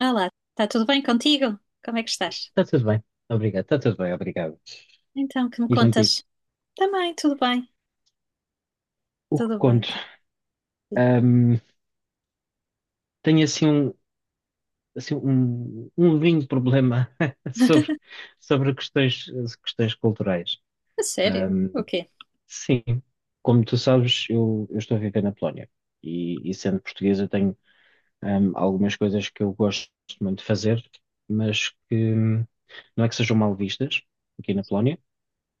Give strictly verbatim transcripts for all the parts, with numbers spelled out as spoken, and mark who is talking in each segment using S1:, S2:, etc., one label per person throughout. S1: Olá, está tudo bem contigo? Como é que estás?
S2: Está tudo bem, obrigado. Está tudo bem, obrigado.
S1: Então, que me
S2: E contigo?
S1: contas? Também, tudo bem,
S2: O que
S1: tudo bem,
S2: conto?
S1: tudo bem.
S2: Ahm, Tenho assim um, assim um, um lindo problema sobre, sobre questões, questões culturais.
S1: A sério?
S2: Ahm,
S1: O quê?
S2: sim, como tu sabes, eu, eu estou a viver na Polónia e, e sendo português eu tenho ahm, algumas coisas que eu gosto muito de fazer, mas que hum, não é que sejam mal vistas aqui na Polónia.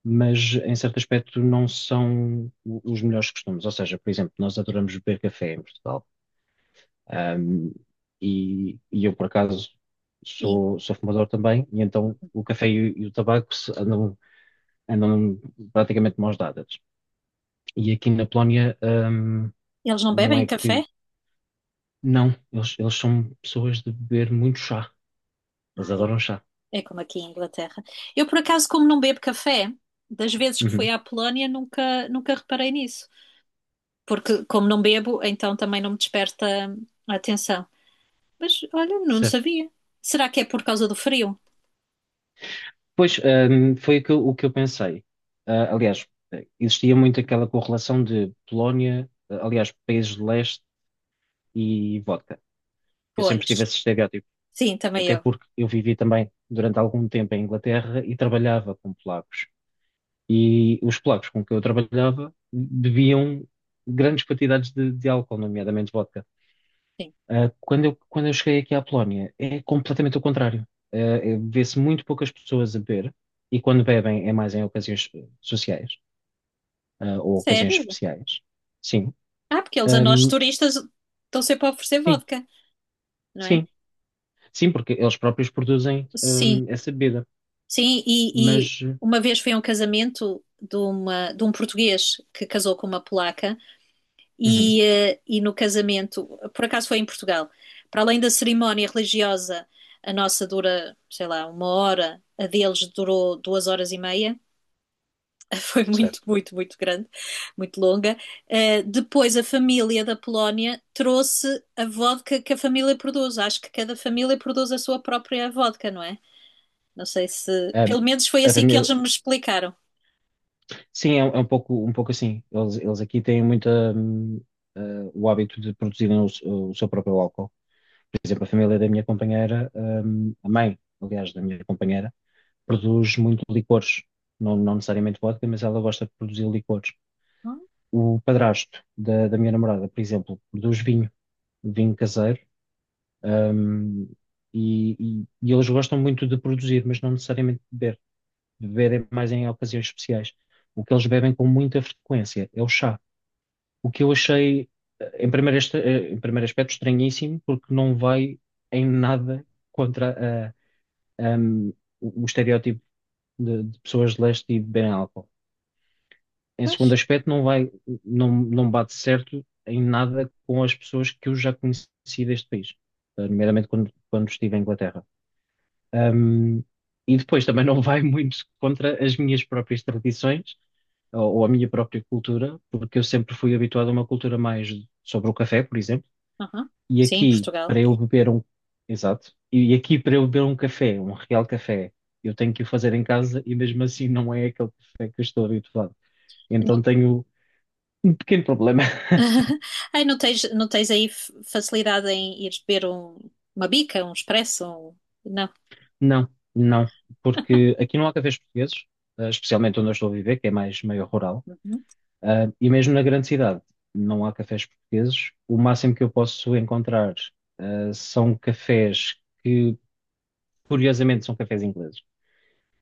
S2: Mas em certo aspecto não são o- os melhores costumes. Ou seja, por exemplo, nós adoramos beber café em Portugal. Ahm, e, e eu, por acaso,
S1: E
S2: sou, sou fumador também, e então o café e, o e o tabaco se- andam, andam praticamente de mãos dadas. E aqui na Polónia, ahm,
S1: eles não
S2: não
S1: bebem
S2: é
S1: café?
S2: que. Não, eles, eles são pessoas de beber muito chá. Eles
S1: Ah,
S2: adoram
S1: é,
S2: chá.
S1: é como aqui em Inglaterra. Eu, por acaso, como não bebo café, das vezes que fui
S2: Uhum,
S1: à Polónia, nunca, nunca reparei nisso. Porque, como não bebo, então também não me desperta a atenção. Mas, olha, não
S2: certo.
S1: sabia. Será que é por causa do frio?
S2: Pois, hum, foi o que eu, o que eu pensei. Ah, aliás, existia muito aquela correlação de Polónia, ah, aliás, países de leste e vodka. Eu sempre
S1: Pois,
S2: tive esse estereótipo,
S1: sim, também
S2: até
S1: eu.
S2: porque eu vivi também durante algum tempo em Inglaterra e trabalhava com polacos. E os polacos com que eu trabalhava bebiam grandes quantidades de, de álcool, nomeadamente vodka.
S1: Sim.
S2: Uh, quando eu, quando eu cheguei aqui à Polónia, é completamente o contrário. Uh, é- vê-se muito poucas pessoas a beber, e quando bebem é mais em ocasiões eh, sociais, ah, ou ocasiões
S1: Sério?
S2: especiais. Sim.
S1: Ah, porque eles a nós
S2: Ahm,
S1: turistas estão sempre a oferecer
S2: sim,
S1: vodka, não é?
S2: sim. Sim, porque eles próprios produzem,
S1: Sim,
S2: ahm, essa bebida.
S1: sim, e, e
S2: Mas, eh,
S1: uma vez foi a um casamento de, uma, de um português que casou com uma polaca
S2: uhum,
S1: e, eh, e no casamento, por acaso foi em Portugal, para além da cerimónia religiosa, a nossa dura, sei lá, uma hora, a deles durou duas horas e meia, foi muito,
S2: certo.
S1: muito, muito grande, muito longa. Uh, depois a família da Polónia trouxe a vodka que a família produz. Acho que cada família produz a sua própria vodka, não é? Não sei se.
S2: Ahm,
S1: Pelo menos foi
S2: a
S1: assim que
S2: família,
S1: eles me explicaram.
S2: sim, é, um é um pouco, um pouco assim. Eles, eles aqui têm muita, hum, ah, o hábito de produzirem o, s- o seu próprio álcool. Por exemplo, a família da minha companheira, hum, a mãe, aliás, da minha companheira,
S1: Sim.
S2: produz muito licores. Não, não necessariamente vodka, mas ela gosta de produzir licores.
S1: Ah,
S2: O padrasto da, da minha namorada, por exemplo, produz vinho, vinho caseiro, hum, e, e- e eles gostam muito de produzir, mas não necessariamente de beber. Beber é mais em ocasiões especiais. O que eles bebem com muita frequência é o chá. O que eu achei, eh, em primeiro, este- eh, em primeiro aspecto, estranhíssimo, porque não vai em nada contra um, o o estereótipo de, de pessoas de leste e de beberem álcool. Em segundo
S1: pois.
S2: aspecto, não vai, não, não bate certo em nada com as pessoas que eu já conheci deste país, eh, nomeadamente quando, quando estive em Inglaterra. Um, e depois também não vai muito contra as minhas próprias tradições ou, ou a minha própria cultura, porque eu sempre fui habituado a uma cultura mais sobre o café, por exemplo.
S1: Aham.
S2: E
S1: Sim,
S2: aqui,
S1: Portugal.
S2: para eu beber um. Exato. E aqui, para eu beber um café, um real café, eu tenho que o fazer em casa e mesmo assim não é aquele café que eu estou habituado. Então
S1: Não.
S2: tenho um pequeno problema.
S1: Ai, não tens, não tens aí f- facilidade em ir beber um- uma bica, um expresso? um- Não.
S2: Não, não. Porque aqui não há cafés portugueses, eh, especialmente onde eu estou a viver, que é mais meio rural.
S1: Uhum.
S2: Ah, e mesmo na grande cidade, não há cafés portugueses. O máximo que eu posso encontrar, ah, são cafés que, curiosamente, são cafés ingleses.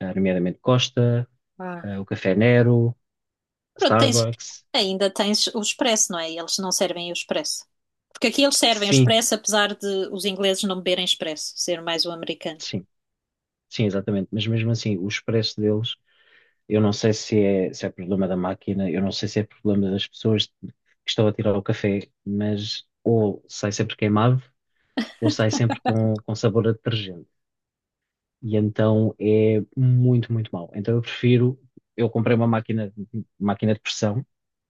S2: Ah, nomeadamente Costa, ah, o Café Nero.
S1: Pronto, tens,
S2: Starbucks,
S1: ainda tens o expresso, não é? E eles não servem o expresso. Porque aqui eles servem o
S2: sim,
S1: expresso, apesar de os ingleses não beberem expresso, ser mais o americano.
S2: sim, sim, exatamente. Mas mesmo assim, o expresso deles, eu não sei se é, se é problema da máquina, eu não sei se é problema das pessoas que estão a tirar o café, mas ou sai sempre queimado, ou sai sempre com, com sabor a detergente. E então é muito, muito mau. Então eu prefiro, eu comprei uma máquina, máquina de pressão,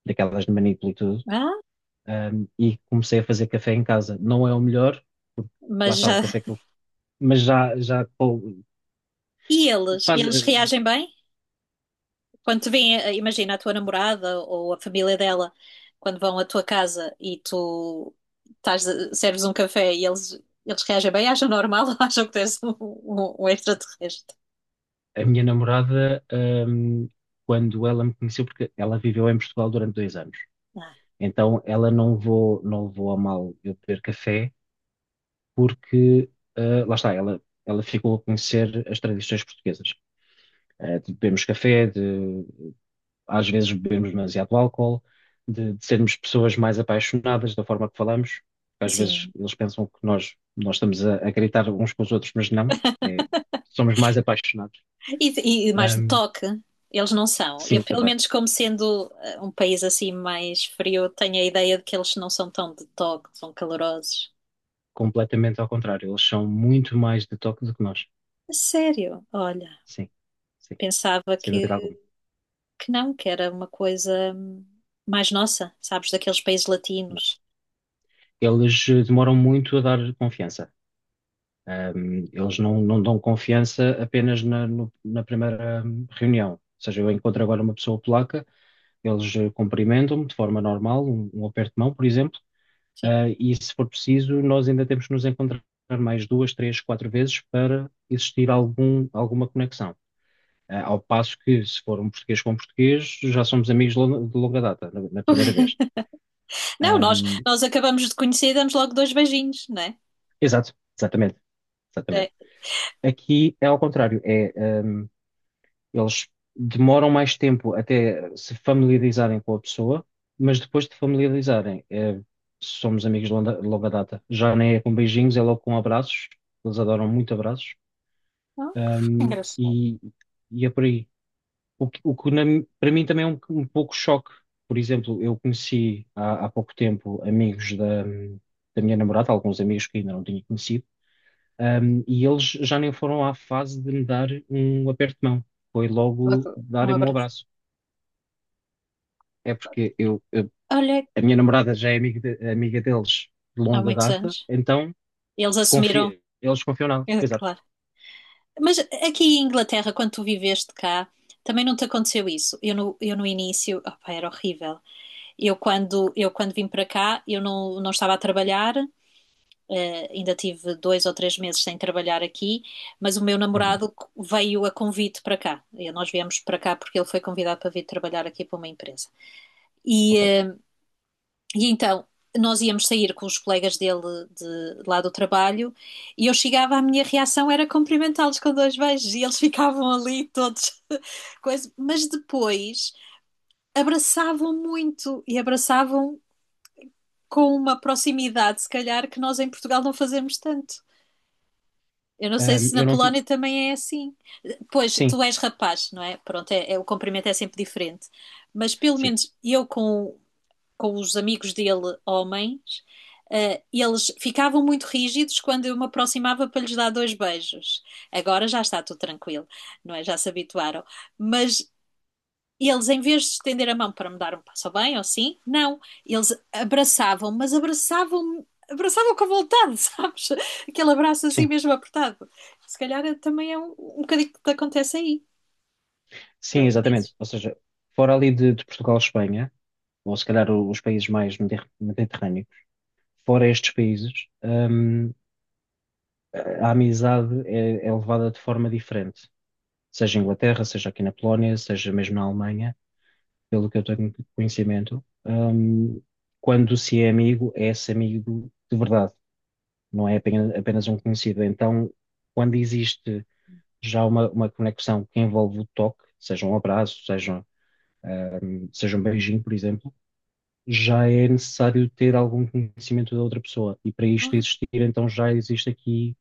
S2: daquelas de manípulo e tudo,
S1: Ah,
S2: ahm, e comecei a fazer café em casa. Não é o melhor, porque lá
S1: mas
S2: está o
S1: já.
S2: café que eu mas já, já,
S1: E eles?
S2: faz,
S1: Eles
S2: eh,
S1: reagem bem? Quando te vêm, eh, imagina a tua namorada ou a família dela, quando vão à tua casa e tu estás, serves um café e eles, eles reagem bem, acham normal ou acham que tens um, um, um extraterrestre?
S2: a minha namorada, hum, quando ela me conheceu, porque ela viveu em Portugal durante dois anos,
S1: Ah,
S2: então ela não levou, não levou a mal eu beber café, porque ah, lá está, ela, ela ficou a conhecer as tradições portuguesas. Ah, de bebermos café, de às vezes bebermos demasiado álcool, de, de sermos pessoas mais apaixonadas da forma que falamos, porque às vezes
S1: sim.
S2: eles pensam que nós, nós estamos a, a gritar uns com os outros, mas não, é, somos mais apaixonados.
S1: E, e mais de
S2: Hum,
S1: toque, eles não são. Eu,
S2: sim,
S1: pelo
S2: também.
S1: menos, como sendo eh, um país assim mais frio, tenho a ideia de que eles não são tão de toque, são calorosos.
S2: Completamente ao contrário. Eles são muito mais detox do que nós.
S1: A sério, olha,
S2: Sim, sim,
S1: pensava
S2: sem
S1: que,
S2: dúvida alguma.
S1: que não, que era uma coisa hum, mais nossa, sabes, daqueles países latinos.
S2: Eles eh, demoram muito a dar confiança. Ahm, eles não, não dão confiança apenas na, no- na primeira hum, reunião. Ou seja, eu encontro agora uma pessoa polaca, eles eh, cumprimentam-me de forma normal, um, um aperto de mão, por exemplo,
S1: Sim.
S2: ah, e se for preciso, nós ainda temos que nos encontrar mais duas, três, quatro vezes para existir algum, alguma conexão. Ah, ao passo que, se for um português com português, já somos amigos de longa, de longa data, na, na primeira vez.
S1: Não, nós,
S2: Ahm,
S1: nós acabamos de conhecer e damos logo dois beijinhos, não é?
S2: Exato, exatamente, exatamente.
S1: É.
S2: Aqui é ao contrário, é, ahm, eles demoram mais tempo até se familiarizarem com a pessoa, mas depois de familiarizarem, eh, somos amigos de longa, de longa data. Já nem é com beijinhos, é logo com abraços. Eles adoram muito abraços.
S1: Não?
S2: Ahm,
S1: Engraçado.
S2: e, e é por aí. O que, o que na- para mim também é um, um pouco choque. Por exemplo, eu conheci há, há pouco tempo amigos da, da minha namorada, alguns amigos que ainda não tinha conhecido, ahm, e eles já nem foram à fase de me dar um aperto de mão. Foi logo
S1: Logo um
S2: darem-me um
S1: abraço.
S2: abraço. É porque eu, eu-
S1: Olha,
S2: a minha namorada já é amiga, de- amiga deles de
S1: há
S2: longa
S1: muitos
S2: data,
S1: anos.
S2: então
S1: Eles assumiram,
S2: confia, eles confiam nela.
S1: é
S2: Exato.
S1: claro. Mas aqui em Inglaterra, quando tu viveste cá, também não te aconteceu isso? Eu no, eu no início, opá, era horrível. Eu quando, eu quando vim para cá, eu não, não estava a trabalhar, eh, ainda tive dois ou três meses sem trabalhar aqui, mas o meu
S2: Uhum,
S1: namorado veio a convite para cá. E nós viemos para cá porque ele foi convidado para vir trabalhar aqui para uma empresa. E,
S2: ok.
S1: eh, e então nós íamos sair com os colegas dele de, de lá do trabalho e eu chegava, a minha reação era cumprimentá-los com dois beijos e eles ficavam ali todos, coisa, mas depois abraçavam muito e abraçavam com uma proximidade, se calhar, que nós em Portugal não fazemos tanto. Eu não sei
S2: Ahm,
S1: se na
S2: eu não tive.
S1: Polónia também é assim. Pois,
S2: Sim,
S1: tu és rapaz, não é? Pronto, é, é o cumprimento é sempre diferente. Mas pelo
S2: sim,
S1: menos eu com com os amigos dele, homens, eh, eles ficavam muito rígidos quando eu me aproximava para lhes dar dois beijos. Agora já está tudo tranquilo, não é? Já se habituaram. Mas eles, em vez de estender a mão para me dar um passo bem ou sim, não. Eles abraçavam, mas abraçavam-me. Abraçavam com vontade, sabes? Aquele abraço assim
S2: sim.
S1: mesmo apertado. Se calhar também é um, um bocadinho que te acontece aí,
S2: Sim,
S1: pelo que
S2: exatamente.
S1: dizes.
S2: Ou seja, fora ali de, de Portugal e Espanha. Ou se calhar os países mais mediter- mediterrâneos, fora estes países, hum, a amizade é, é levada de forma diferente, seja em Inglaterra, seja aqui na Polónia, seja mesmo na Alemanha, pelo que eu tenho conhecimento, hum, quando se é amigo, é esse amigo de verdade, não é apenas, apenas um conhecido. Então, quando existe já uma, uma conexão que envolve o toque, seja um abraço, seja, um, seja um beijinho, por exemplo, já é necessário ter algum conhecimento da outra pessoa. E para isto existir, então já existe aqui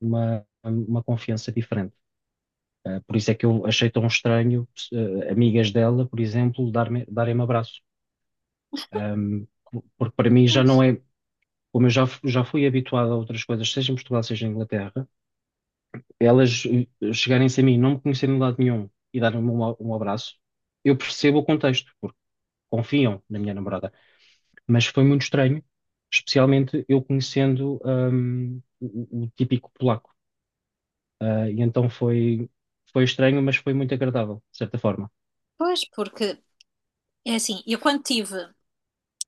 S2: uma, uma confiança diferente. Uh, por isso é que eu achei tão estranho, uh, amigas dela, por exemplo, dar-me, darem-me abraço. Um, Porque para mim já não é. Como eu já, já fui habituado a outras coisas, seja em Portugal, seja em Inglaterra, elas ah, chegarem-se a mim, não me conhecerem de lado nenhum e darem-me um, um abraço, eu percebo o contexto, porque confiam na minha namorada. Mas foi muito estranho, especialmente eu conhecendo, hum, o, o típico polaco. Ah, e então foi, foi estranho, mas foi muito agradável, de certa forma.
S1: Pois, porque é assim, eu quando tive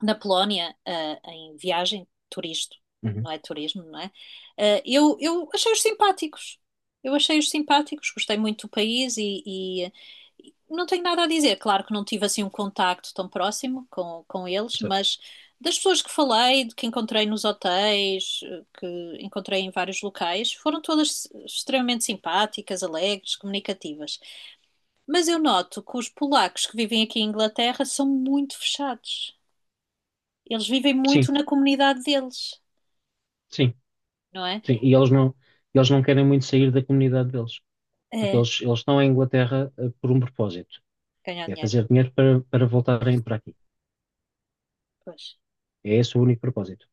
S1: na Polónia, ah, em viagem, turista,
S2: Uhum.
S1: não é turismo, não é? Ah, eu, eu achei-os simpáticos. Eu achei-os simpáticos, gostei muito do país e, e- e não tenho nada a dizer. Claro que não tive assim um contacto tão próximo com, com eles,
S2: So-
S1: mas das pessoas que falei, de que encontrei nos hotéis, eh, que encontrei em vários locais, foram todas extremamente simpáticas, alegres, comunicativas. Mas eu noto que os polacos que vivem aqui em Inglaterra são muito fechados. Eles vivem
S2: Sim,
S1: muito na comunidade deles,
S2: sim,
S1: não é?
S2: sim. E eles não, eles não querem muito sair da comunidade deles, porque
S1: É,
S2: eles, eles estão em Inglaterra, ah, por um propósito.
S1: ganhar
S2: É
S1: dinheiro.
S2: fazer dinheiro para, para voltarem para aqui.
S1: Pois.
S2: É esse o único propósito.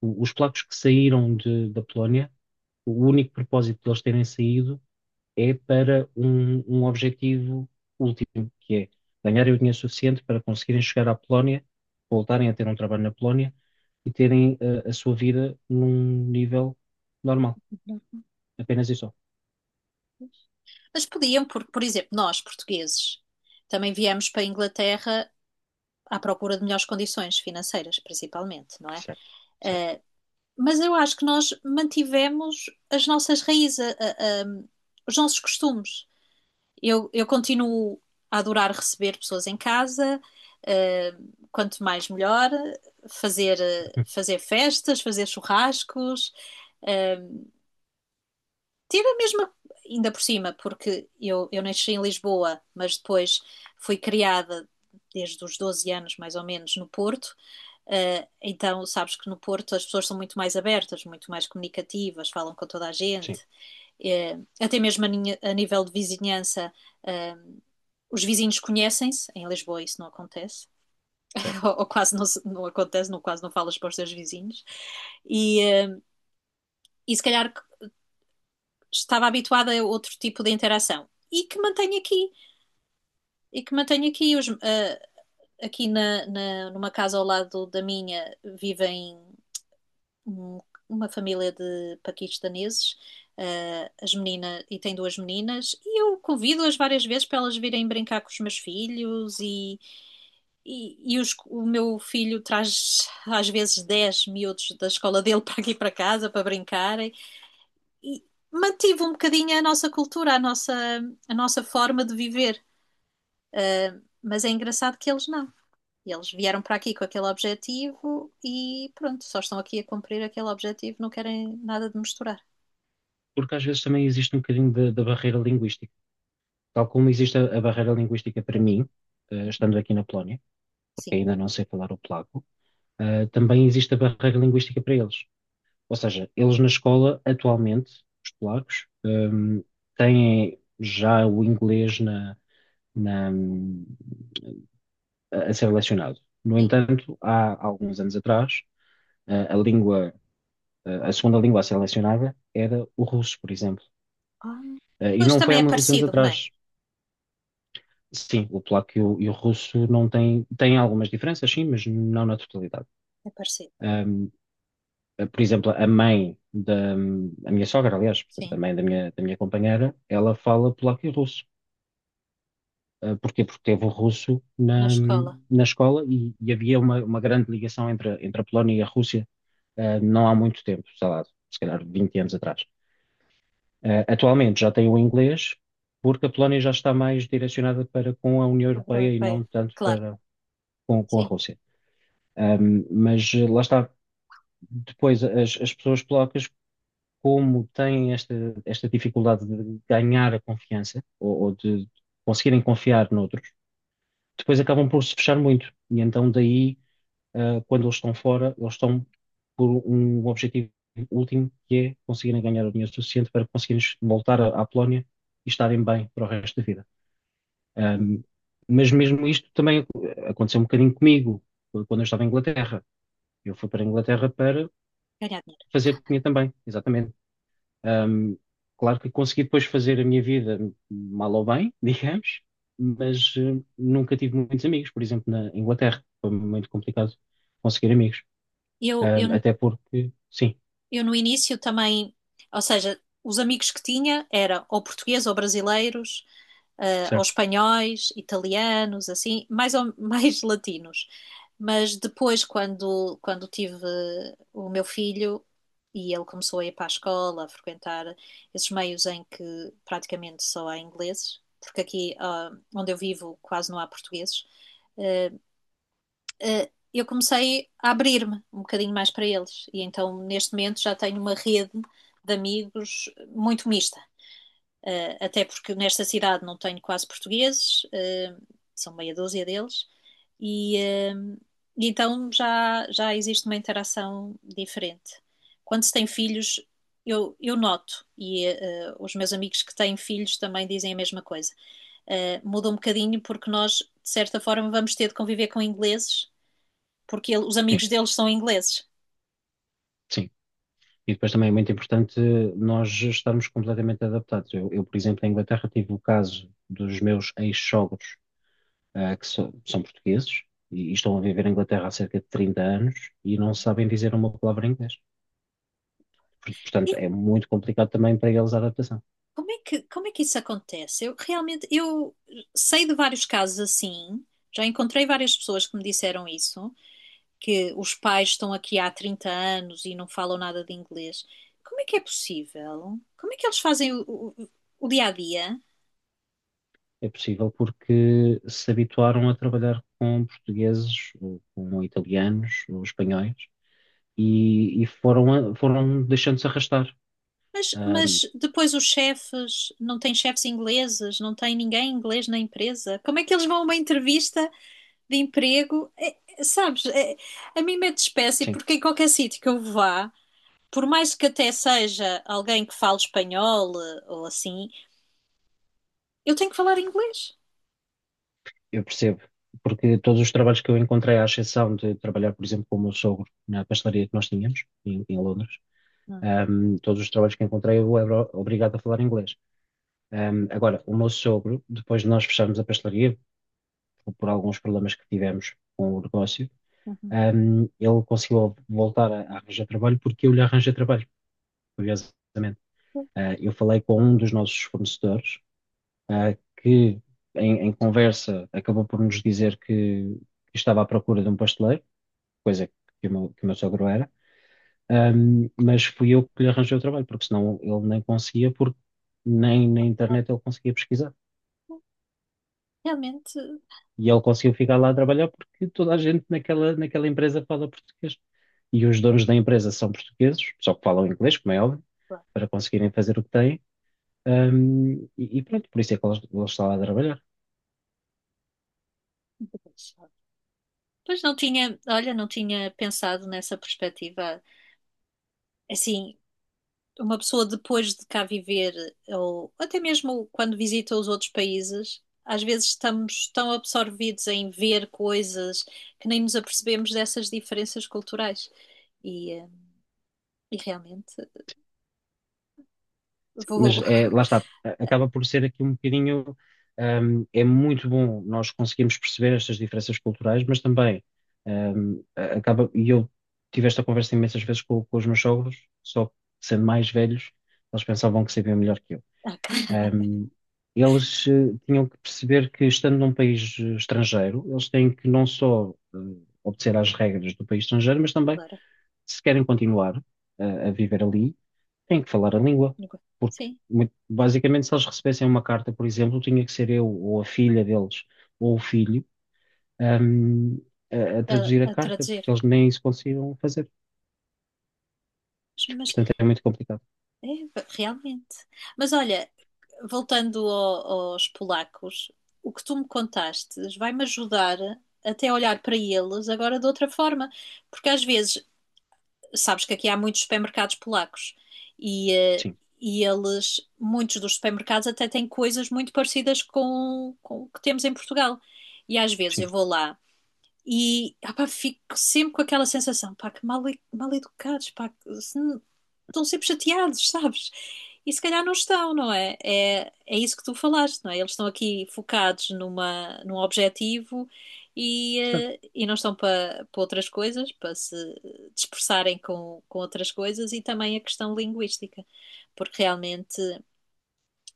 S2: O- os polacos que saíram de, da Polónia, o único propósito deles terem saído é para um, um objetivo último, que é ganharem o dinheiro suficiente para conseguirem chegar à Polónia, voltarem a ter um trabalho na Polónia e terem uh, a sua vida num nível normal, apenas e só.
S1: Mas podiam, porque, por exemplo, nós, portugueses, também viemos para a Inglaterra à procura de melhores condições financeiras, principalmente, não é?
S2: Certo, certo.
S1: Eh, mas eu acho que nós mantivemos as nossas raízes, a- a- a- os nossos costumes. Eu, eu continuo a adorar receber pessoas em casa, eh, quanto mais melhor, fazer, eh,
S2: Hum,
S1: fazer festas, fazer churrascos, eh, ter a mesma, ainda por cima, porque eu, eu nasci em Lisboa, mas depois fui criada desde os doze anos, mais ou menos, no Porto. Uh, então, sabes que no Porto as pessoas são muito mais abertas, muito mais comunicativas, falam com toda a gente.
S2: sim,
S1: Uh, até mesmo a, ninha- a nível de vizinhança, uh, os vizinhos conhecem-se. Em Lisboa isso não acontece,
S2: certo.
S1: ou, ou quase não, se- não acontece, não, quase não falas para os teus vizinhos. E, eh, e se calhar estava habituada a outro tipo de interação e que mantenho aqui e que mantenho aqui os, ah, aqui na, na- numa casa ao lado da minha vivem um- uma família de paquistaneses ah, as meninas e tem duas meninas e eu convido-as várias vezes para elas virem brincar com os meus filhos e, e, e os- o meu filho traz às vezes dez miúdos da escola dele para aqui para casa para brincarem e mantive um bocadinho a nossa cultura, a nossa, a nossa forma de viver. Mas é engraçado que eles não. Eles vieram para aqui com aquele objetivo e pronto, só estão aqui a cumprir aquele objetivo, não querem nada de misturar.
S2: Porque às vezes também existe um bocadinho da da barreira linguística. Tal como existe a, a barreira linguística para
S1: Pois.
S2: mim, eh,
S1: Uhum.
S2: estando aqui na Polónia, porque
S1: Sim,
S2: ainda não sei falar o polaco, eh, também existe a barreira linguística para eles. Ou seja, eles na escola, atualmente, os polacos,
S1: uhum.
S2: hum, têm já o inglês na, na- a ser lecionado. No
S1: Sim.
S2: entanto, há alguns anos atrás, a, a língua, a segunda língua a ser lecionada era o russo, por exemplo.
S1: Ah,
S2: Eh, E
S1: mas
S2: não foi
S1: também
S2: há
S1: é
S2: muitos anos
S1: parecido, não é?
S2: atrás. Sim, o polaco e o, e o russo não têm, têm algumas diferenças, sim, mas não na totalidade.
S1: É parecido.
S2: Ahm, por exemplo, a mãe da hum, a minha sogra, aliás, portanto, a
S1: Sim,
S2: mãe da minha, da minha companheira, ela fala polaco e russo. Uh, porquê? Porque teve o russo
S1: na
S2: na,
S1: escola,
S2: na escola e, e havia uma, uma grande ligação entre, entre a Polónia e a Rússia, uh, não há muito tempo, sei lá, se calhar vinte anos atrás. Uh, atualmente já tem o inglês, porque a Polónia já está mais direcionada para com a União
S1: Abra
S2: Europeia e não
S1: europeia.
S2: tanto
S1: Claro,
S2: para com, com a
S1: sim.
S2: Rússia. Um, mas lá está, depois as, as pessoas polacas, como têm esta, esta dificuldade de ganhar a confiança ou, ou de conseguirem confiar noutros, depois acabam por se fechar muito. E então daí, ah, quando eles estão fora, eles estão por um objetivo último que é conseguirem ganhar o dinheiro suficiente para conseguirem voltar à à Polónia e estarem bem para o resto da vida. Ahm, mas mesmo isto também aconteceu um bocadinho comigo quando eu estava em Inglaterra. Eu fui para a Inglaterra para
S1: Ganhar dinheiro.
S2: fazer dinheiro também, exatamente. Ahm, Claro que consegui depois fazer a minha vida mal ou bem, digamos, mas eh, nunca tive muitos amigos, por exemplo, na Inglaterra. Foi muito complicado conseguir amigos.
S1: Eu, eu,
S2: Ahm, até porque, sim,
S1: eu no início também, ou seja, os amigos que tinha eram ou portugueses ou brasileiros, uh, ou
S2: certo,
S1: espanhóis, italianos, assim, mais, ou, mais latinos. Mas depois, quando, quando tive o meu filho e ele começou a ir para a escola, a frequentar esses meios em que praticamente só há ingleses, porque aqui uh, onde eu vivo quase não há portugueses, uh, uh, eu comecei a abrir-me um bocadinho mais para eles. E então, neste momento, já tenho uma rede de amigos muito mista. Uh, até porque nesta cidade não tenho quase portugueses, uh, são meia dúzia deles, e uh, e então já, já existe uma interação diferente. Quando se tem filhos, eu, eu noto, e uh, os meus amigos que têm filhos também dizem a mesma coisa. Uh, muda um bocadinho porque nós, de certa forma, vamos ter de conviver com ingleses porque ele- os
S2: sim,
S1: amigos deles são ingleses.
S2: sim. E depois também é muito importante nós estarmos completamente adaptados. Eu, eu, por exemplo, na Inglaterra tive o caso dos meus ex-sogros, ah, que so- são portugueses e, e estão a viver na Inglaterra há cerca de trinta anos e não sabem dizer uma palavra em inglês. Portanto,
S1: Eu,
S2: é muito complicado também para eles a adaptação.
S1: como é que, como é que isso acontece? Eu realmente, eu sei de vários casos assim, já encontrei várias pessoas que me disseram isso, que os pais estão aqui há trinta anos e não falam nada de inglês. Como é que é possível? Como é que eles fazem o, o- o dia a dia?
S2: É possível porque se habituaram a trabalhar com portugueses, ou com italianos, ou espanhóis, e, e foram, a- foram deixando-se arrastar.
S1: Mas,
S2: Ahm,
S1: mas depois os chefes, não tem chefes ingleses, não tem ninguém inglês na empresa. Como é que eles vão a uma entrevista de emprego? É- é- sabes, é- a mim mete espécie
S2: sim,
S1: porque em qualquer sítio que eu vá, por mais que até seja alguém que fale espanhol eh, ou assim, eu tenho que falar inglês.
S2: eu percebo. Porque todos os trabalhos que eu encontrei, à exceção de trabalhar, por exemplo, com o meu sogro na pastelaria que nós tínhamos, em, em Londres,
S1: Hum,
S2: ahm, todos os trabalhos que encontrei eu era obrigado a falar inglês. Ahm, agora, o meu sogro, depois de nós fecharmos a pastelaria, por alguns problemas que tivemos com o negócio,
S1: uhum.
S2: ahm, ele conseguiu voltar a, a arranjar trabalho porque eu lhe arranjei trabalho, curiosamente. Ah, eu falei com um dos nossos fornecedores, ah, que em, em conversa acabou por nos dizer que, que estava à procura de um pasteleiro, coisa que o meu, que o meu sogro era, ahm, mas fui eu que lhe arranjei o trabalho, porque senão ele nem conseguia, porque nem na internet ele conseguia pesquisar.
S1: Realmente,
S2: E ele conseguiu ficar lá a trabalhar porque toda a gente naquela, naquela empresa fala português. E os donos da empresa são portugueses, só que falam inglês, como é óbvio, para conseguirem fazer o que têm. Um, e, e pronto, por isso é que ele, ele está lá a trabalhar.
S1: Pois não tinha, olha, não tinha pensado nessa perspectiva. Assim, uma pessoa depois de cá viver, ou até mesmo quando visita os outros países, às vezes estamos tão absorvidos em ver coisas que nem nos apercebemos dessas diferenças culturais. E, eh, e realmente
S2: Mas
S1: vou.
S2: é, lá está, a- acaba por ser aqui um bocadinho. Um, é muito bom nós conseguirmos perceber estas diferenças culturais, mas também um, a- acaba. E eu tive esta conversa imensas vezes com, com os meus sogros, só que sendo mais velhos, eles pensavam que sabiam melhor que eu.
S1: Ah,
S2: Ahm, Eles eh, tinham que perceber que, estando num país eh, estrangeiro, eles têm que não só eh, obedecer às regras do país estrangeiro, mas também,
S1: claro.
S2: se querem continuar eh, a viver ali, têm que falar a língua. Porque,
S1: Sim,
S2: muito- basicamente, se eles recebessem uma carta, por exemplo, tinha que ser eu ou a filha deles ou o filho ahm, a, a
S1: a,
S2: traduzir a
S1: a
S2: carta,
S1: traduzir.
S2: porque eles nem isso conseguiam fazer.
S1: Mas, mas
S2: Portanto, é muito complicado.
S1: é, realmente. Mas olha, voltando ao- aos polacos, o que tu me contaste vai-me ajudar até a olhar para eles agora de outra forma, porque às vezes, sabes que aqui há muitos supermercados polacos e, eh,
S2: Sim,
S1: e eles, muitos dos supermercados até têm coisas muito parecidas com, com o que temos em Portugal. E às vezes eu
S2: sim.
S1: vou lá e ah pá, fico sempre com aquela sensação, pá, que mal, mal educados, pá, que se- estão sempre chateados, sabes? E se calhar não estão, não é? É, é isso que tu falaste, não é? Eles estão aqui focados numa, num objetivo e,
S2: Certo.
S1: eh, e não estão para para outras coisas, para se dispersarem com, com outras coisas e também a questão linguística, porque realmente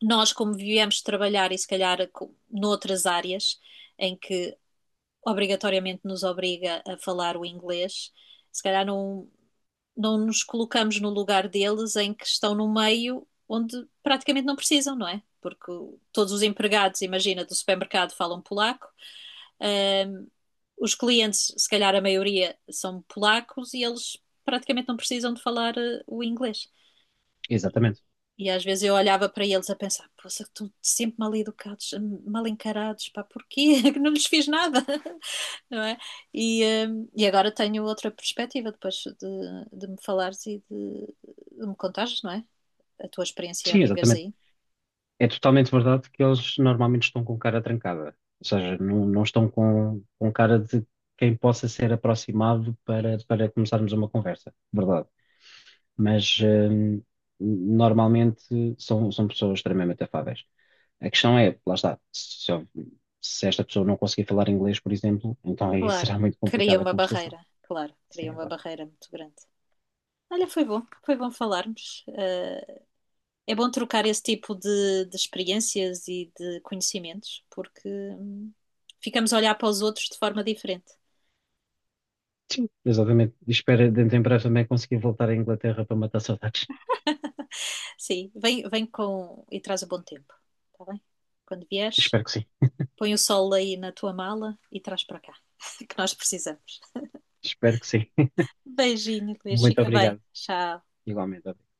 S1: nós, como viemos trabalhar e se calhar com- noutras áreas em que obrigatoriamente nos obriga a falar o inglês, se calhar não, não nos colocamos no lugar deles em que estão no meio onde praticamente não precisam, não é? Porque todos os empregados, imagina, do supermercado falam polaco, ahm, os clientes, se calhar a maioria, são polacos e eles praticamente não precisam de falar eh, o inglês.
S2: Exatamente.
S1: E às vezes eu olhava para eles a pensar, poxa, estão sempre mal educados, mal encarados, pá, porquê? Que não lhes fiz nada, não é? E, eh, e agora tenho outra perspectiva depois de, de me falares e de, de me contares, não é? A tua experiência a
S2: Sim,
S1: viveres
S2: exatamente.
S1: aí.
S2: É totalmente verdade que eles normalmente estão com cara trancada, ou seja, não, não estão com, com cara de quem possa ser aproximado para, para começarmos uma conversa, verdade. Mas hum, normalmente são, são pessoas extremamente afáveis. A questão é, lá está, se, eu- se esta pessoa não conseguir falar inglês, por exemplo, então aí
S1: Claro,
S2: será muito
S1: cria
S2: complicada a
S1: uma
S2: conversação.
S1: barreira, claro,
S2: Sim,
S1: cria uma
S2: exato.
S1: barreira muito grande. Olha, foi bom, foi bom falarmos. eh, É bom trocar esse tipo de, de experiências e de conhecimentos, porque hum, ficamos a olhar para os outros de forma diferente.
S2: Sim, exatamente. E espero dentro em breve também conseguir voltar à Inglaterra para matar saudades.
S1: Sim, vem, vem com e traz o bom tempo, está bem? Quando vieres,
S2: Espero que sim.
S1: põe o sol aí na tua mala e traz para cá, que nós precisamos.
S2: Espero que sim.
S1: Beijinho, Luís,
S2: Muito
S1: fica bem.
S2: obrigado.
S1: Tchau.
S2: Igualmente.